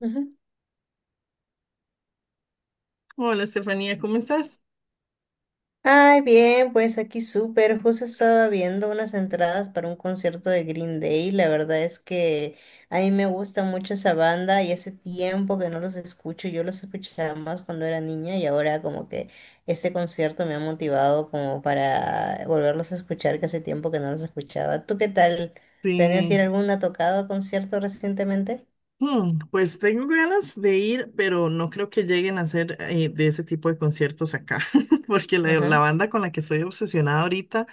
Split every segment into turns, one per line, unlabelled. Ujú.
Hola, Estefanía, ¿cómo estás?
Ay, bien, pues aquí súper. Justo estaba viendo unas entradas para un concierto de Green Day. La verdad es que a mí me gusta mucho esa banda y hace tiempo que no los escucho. Yo los escuchaba más cuando era niña y ahora como que este concierto me ha motivado como para volverlos a escuchar, que hace tiempo que no los escuchaba. ¿Tú qué tal? ¿Tenías ir
Sí.
a alguna tocada o concierto recientemente?
Pues tengo ganas de ir, pero no creo que lleguen a hacer de ese tipo de conciertos acá, porque la
Ajá.
banda con la que estoy obsesionada ahorita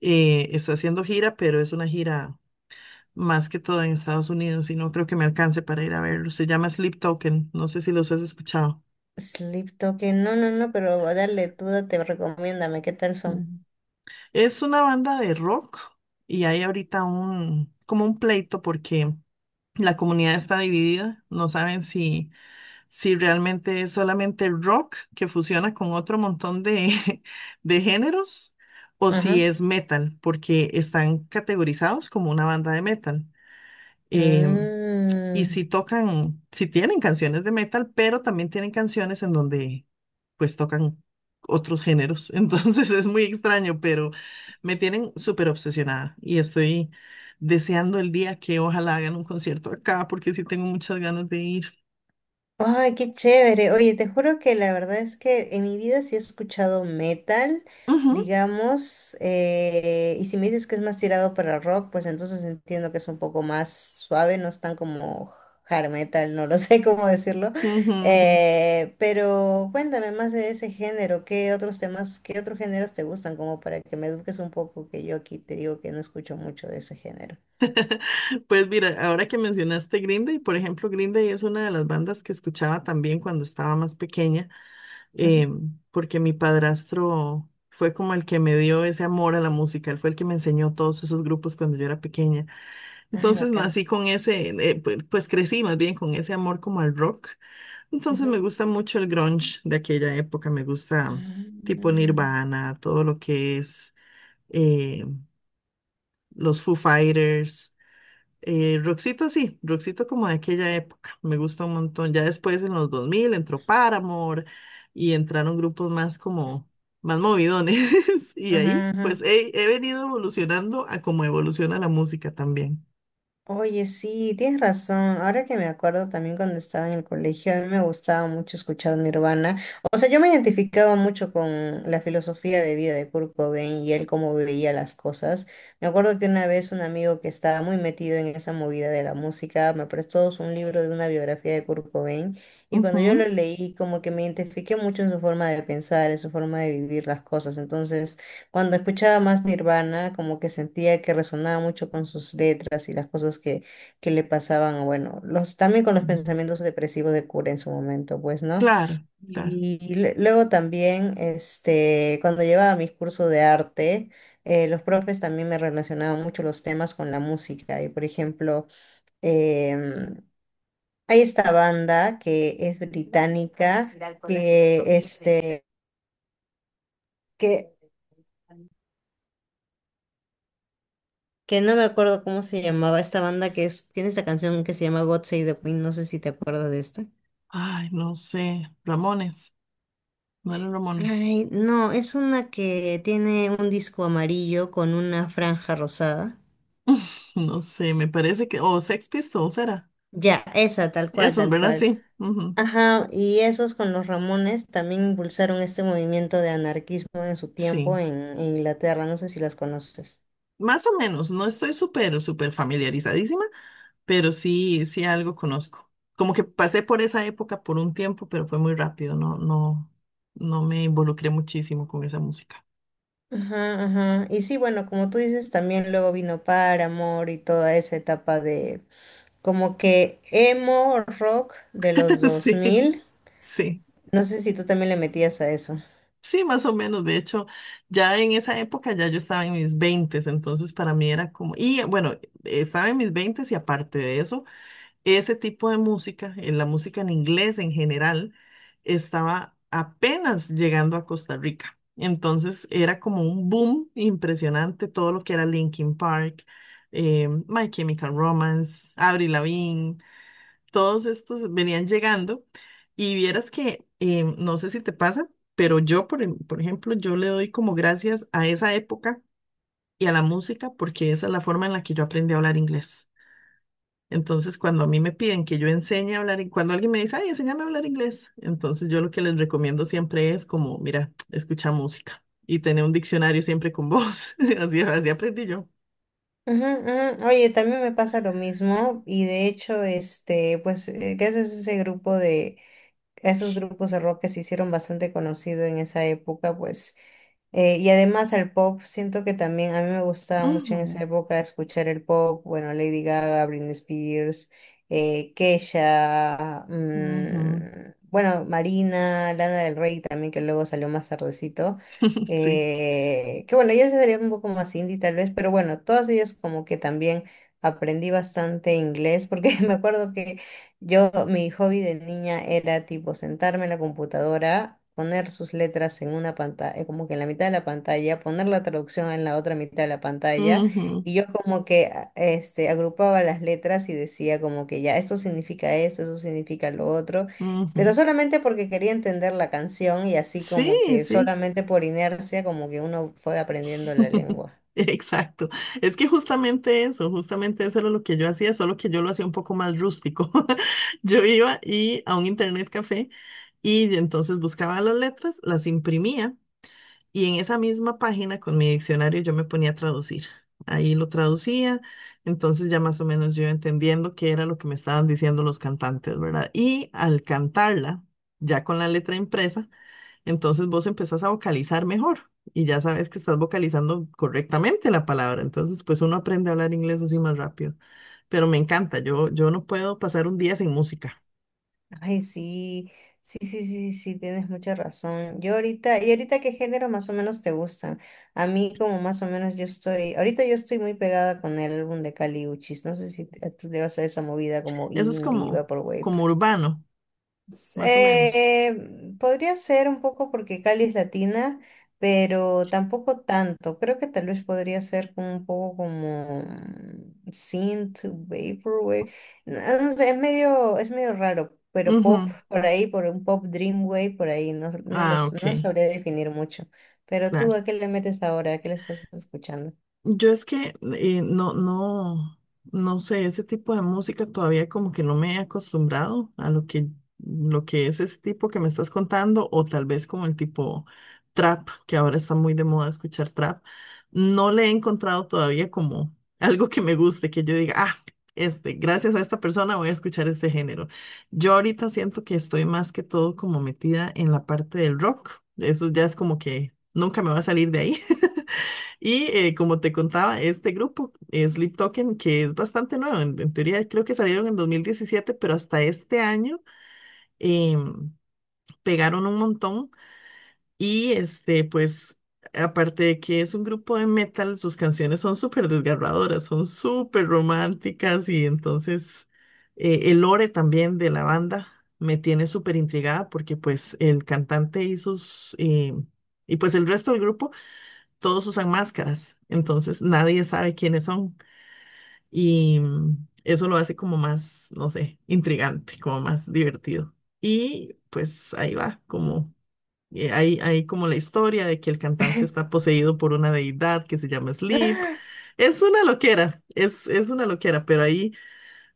está haciendo gira, pero es una gira más que todo en Estados Unidos y no creo que me alcance para ir a verlo. Se llama Sleep Token, no sé si los has escuchado.
Sleep Token. No, no, no, pero dale, tú te recomiéndame. ¿Qué tal son?
Mm. Es una banda de rock y hay ahorita como un pleito porque la comunidad está dividida, no saben si si realmente es solamente rock que fusiona con otro montón de, de géneros, o si
Ajá.
es metal, porque están categorizados como una banda de metal. Em, y
Mm.
si tocan, si tienen canciones de metal, pero también tienen canciones en donde pues tocan otros géneros. Entonces es muy extraño, pero me tienen súper obsesionada y estoy deseando el día que ojalá hagan un concierto acá, porque sí tengo muchas ganas de ir.
Ay, qué chévere. Oye, te juro que la verdad es que en mi vida sí he escuchado metal,
Ujú,
digamos, y si me dices que es más tirado para rock, pues entonces entiendo que es un poco más suave, no es tan como hard metal, no lo sé cómo decirlo.
ujú, ujú.
Pero cuéntame más de ese género, ¿qué otros temas, qué otros géneros te gustan? Como para que me eduques un poco, que yo aquí te digo que no escucho mucho de ese género.
Pues mira, ahora que mencionaste Green Day, por ejemplo, Green Day es una de las bandas que escuchaba también cuando estaba más pequeña, eh,
Ujú.
porque mi padrastro fue como el que me dio ese amor a la música, él fue el que me enseñó todos esos grupos cuando yo era pequeña.
Ay,
Entonces
bacán.
nací con ese, pues crecí más bien con ese amor como al rock. Entonces me gusta mucho el grunge de aquella época, me gusta tipo
Ah.
Nirvana, todo lo que es eh, los Foo Fighters. Roxito sí, Roxito como de aquella época, me gusta un montón. Ya después en los 2000 entró Paramore y entraron grupos más como, más movidones. Y ahí
Ajá,
pues
ajá.
he venido evolucionando a como evoluciona la música también.
Oye, sí, tienes razón. Ahora que me acuerdo también cuando estaba en el colegio, a mí me gustaba mucho escuchar Nirvana. O sea, yo me identificaba mucho con la filosofía de vida de Kurt Cobain y él cómo veía las cosas. Me acuerdo que una vez un amigo que estaba muy metido en esa movida de la música me prestó un libro de una biografía de Kurt Cobain y cuando yo
Ujú.
lo leí como que me identifiqué mucho en su forma de pensar, en su forma de vivir las cosas. Entonces... Cuando escuchaba más Nirvana, como que sentía que resonaba mucho con sus letras y las cosas que le pasaban, bueno, los, también con los
Mm.
pensamientos depresivos de Cura en su momento, pues, ¿no?
Claro, claro.
Luego también, este, cuando llevaba mis cursos de arte, los profes también me relacionaban mucho los temas con la música. Y, por ejemplo, em, hay esta banda que es británica, que, este, que que no me acuerdo cómo se llamaba esta banda que es, tiene esta canción que se llama God Save the Queen, no sé si te acuerdas de esta.
Ay, no sé, Ramones, no eran Ramones.
Ay, no, es una que tiene un disco amarillo con una franja rosada.
No sé, me parece que, o Sex Pistols era.
Ya, esa, tal cual,
Esos,
tal
¿verdad?
cual.
Sí. Ujú.
Ajá, y esos con los Ramones también impulsaron este movimiento de anarquismo en su tiempo
Sí.
en Inglaterra, no sé si las conoces.
Más o menos, no estoy súper, súper familiarizadísima, pero sí, sí algo conozco. Como que pasé por esa época por un tiempo, pero fue muy rápido, no, no, no me involucré muchísimo con esa música.
Ajá, ajá. Y sí, bueno, como tú dices, también luego vino Paramore y toda esa etapa de como que emo rock de los dos
Sí,
mil.
sí,
No sé si tú también le metías a eso.
sí, más o menos. De hecho, ya en esa época ya yo estaba en mis veintes, entonces para mí era como, y bueno, estaba en mis veintes y aparte de eso ese tipo de música, en la música en inglés en general, estaba apenas llegando a Costa Rica. Entonces era como un boom impresionante todo lo que era Linkin Park, My Chemical Romance, Avril Lavigne, todos estos venían llegando. Y vieras que, no sé si te pasa, pero por ejemplo, yo le doy como gracias a esa época y a la música porque esa es la forma en la que yo aprendí a hablar inglés. Entonces, cuando a mí me piden que yo enseñe a hablar, cuando alguien me dice, ay, enséñame a hablar inglés, entonces yo lo que les recomiendo siempre es como, mira, escucha música y tener un diccionario siempre con vos. Así, así aprendí yo.
Ujú, ujú. Oye, también me pasa lo mismo y de hecho, este, pues, gracias a a esos grupos de rock que se hicieron bastante conocido en esa época, pues. Y además al pop, siento que también a mí me gustaba mucho en esa
Ujú,
época escuchar el pop, bueno, Lady Gaga, Britney Spears, Kesha,
ujú.
bueno, Marina, Lana del Rey también, que luego salió más tardecito,
Sí.
que bueno, ella sería un poco más indie tal vez, pero bueno, todas ellas como que también aprendí bastante inglés, porque me acuerdo que yo, mi hobby de niña era tipo sentarme en la computadora, poner sus letras en una pantalla, como que en la mitad de la pantalla, poner la traducción en la otra mitad de la pantalla,
Ujú,
y yo como que este, agrupaba las letras y decía como que ya, esto significa esto, eso significa lo otro, pero
ujú.
solamente porque quería entender la canción y así
Sí,
como que
sí.
solamente por inercia como que uno fue aprendiendo la lengua.
Exacto. Es que justamente eso era lo que yo hacía, solo que yo lo hacía un poco más rústico. Yo iba y a un internet café y entonces buscaba las letras, las imprimía y en esa misma página con mi diccionario yo me ponía a traducir. Ahí lo traducía, entonces ya más o menos yo iba entendiendo qué era lo que me estaban diciendo los cantantes, ¿verdad? Y al cantarla, ya con la letra impresa, entonces vos empezás a vocalizar mejor y ya sabes que estás vocalizando correctamente la palabra. Entonces, pues uno aprende a hablar inglés así más rápido. Pero me encanta, yo no puedo pasar un día sin música.
Ay, sí, sí, sí, sí, sí, tienes mucha razón. Yo ahorita, ¿y ahorita qué género más o menos te gustan? A mí como más o menos ahorita yo estoy muy pegada con el álbum de Kali Uchis, no sé si tú le vas a esa movida como
Eso es
indie,
como,
vaporwave.
como urbano, más o menos.
Podría ser un poco porque Cali es latina, pero tampoco tanto. Creo que tal vez podría ser como un poco como mm, synth, vaporwave. No, no sé, es medio raro, pero pop
Ujú.
por ahí, por un pop dreamwave por ahí,
Ah, ok,
no sabría definir mucho. Pero tú,
claro.
¿a qué le metes ahora? ¿A qué le estás escuchando?
Yo es que eh, no, no, no sé, ese tipo de música todavía como que no me he acostumbrado a lo que es ese tipo que me estás contando, o tal vez como el tipo trap, que ahora está muy de moda escuchar trap. No le he encontrado todavía como algo que me guste, que yo diga, ah, este, gracias a esta persona voy a escuchar este género. Yo ahorita siento que estoy más que todo como metida en la parte del rock. Eso ya es como que nunca me va a salir de ahí. Y como te contaba, este grupo, Sleep Token, que es bastante nuevo, en teoría creo que salieron en 2017, pero hasta este año em, pegaron un montón. Y este, pues, aparte de que es un grupo de metal, sus canciones son súper desgarradoras, son súper románticas y entonces el lore también de la banda me tiene súper intrigada porque pues el cantante y sus... y pues el resto del grupo todos usan máscaras, entonces nadie sabe quiénes son y mm, eso lo hace como más, no sé, intrigante, como más divertido. Y pues ahí va, como hay como la historia de que el cantante está poseído por una deidad que se llama Sleep. Es una loquera, es una loquera, pero ahí,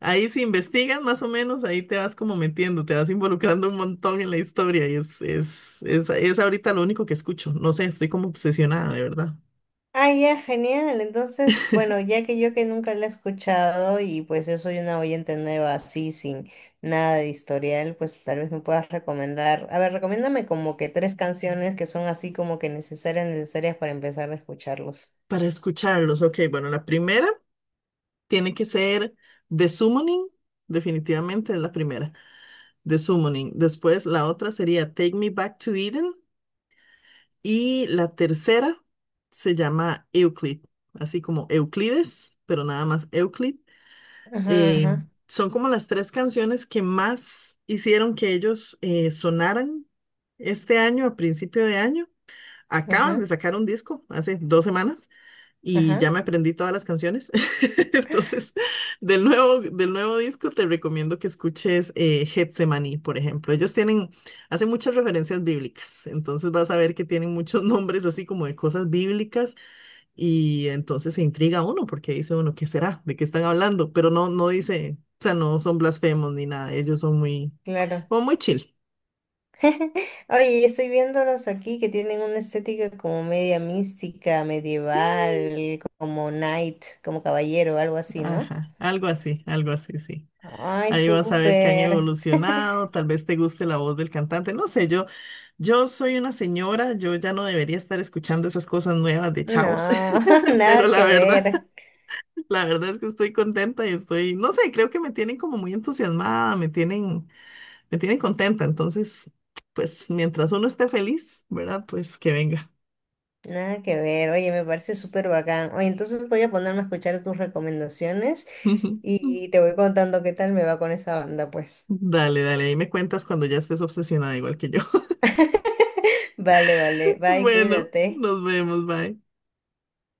ahí si investigas más o menos, ahí te vas como metiendo, te vas involucrando un montón en la historia y es ahorita lo único que escucho. No sé, estoy como obsesionada, de verdad.
Ah, ya, genial. Entonces, bueno, ya que yo que nunca la he escuchado y pues yo soy una oyente nueva así, sin nada de historial, pues tal vez me puedas recomendar. A ver, recomiéndame como que tres canciones que son así como que necesarias, necesarias para empezar a escucharlos.
Para escucharlos, ok, bueno, la primera tiene que ser The Summoning, definitivamente es la primera, The Summoning. Después la otra sería Take Me Back to Eden y la tercera se llama Euclid, así como Euclides, pero nada más Euclid.
Ajá,
Eh,
ajá,
son como las tres canciones que más hicieron que ellos sonaran este año, a principio de año. Acaban
ajá,
de sacar un disco hace 2 semanas. Y
ajá,
ya me aprendí todas las canciones. Entonces, del nuevo disco te recomiendo que escuches Getsemaní, por ejemplo. Ellos tienen, hacen muchas referencias bíblicas, entonces vas a ver que tienen muchos nombres así como de cosas bíblicas y entonces se intriga uno porque dice uno, ¿qué será? ¿De qué están hablando? Pero no, no dice, o sea, no son blasfemos ni nada, ellos son muy,
claro.
como muy chill.
Oye, yo estoy viéndolos aquí que tienen una estética como media mística,
Y-
medieval, como knight, como caballero, algo así, ¿no?
Ajá, algo así, sí.
Ay,
Ahí vas a ver que han
súper.
evolucionado, tal vez te guste la voz del cantante, no sé, yo soy una señora, yo ya no debería estar escuchando esas cosas nuevas de chavos,
No,
pero
nada
la
que
verdad,
ver,
la verdad es que estoy contenta y estoy, no sé, creo que me tienen como muy entusiasmada, me tienen contenta, entonces, pues mientras uno esté feliz, ¿verdad? Pues que venga.
nada que ver. Oye, me parece súper bacán. Oye, entonces voy a ponerme a escuchar tus recomendaciones y te voy contando qué tal me va con esa banda, pues.
Dale, dale, ahí me cuentas cuando ya estés obsesionada igual que yo.
Vale, vale. Bye,
Bueno, nos
cuídate.
vemos, bye.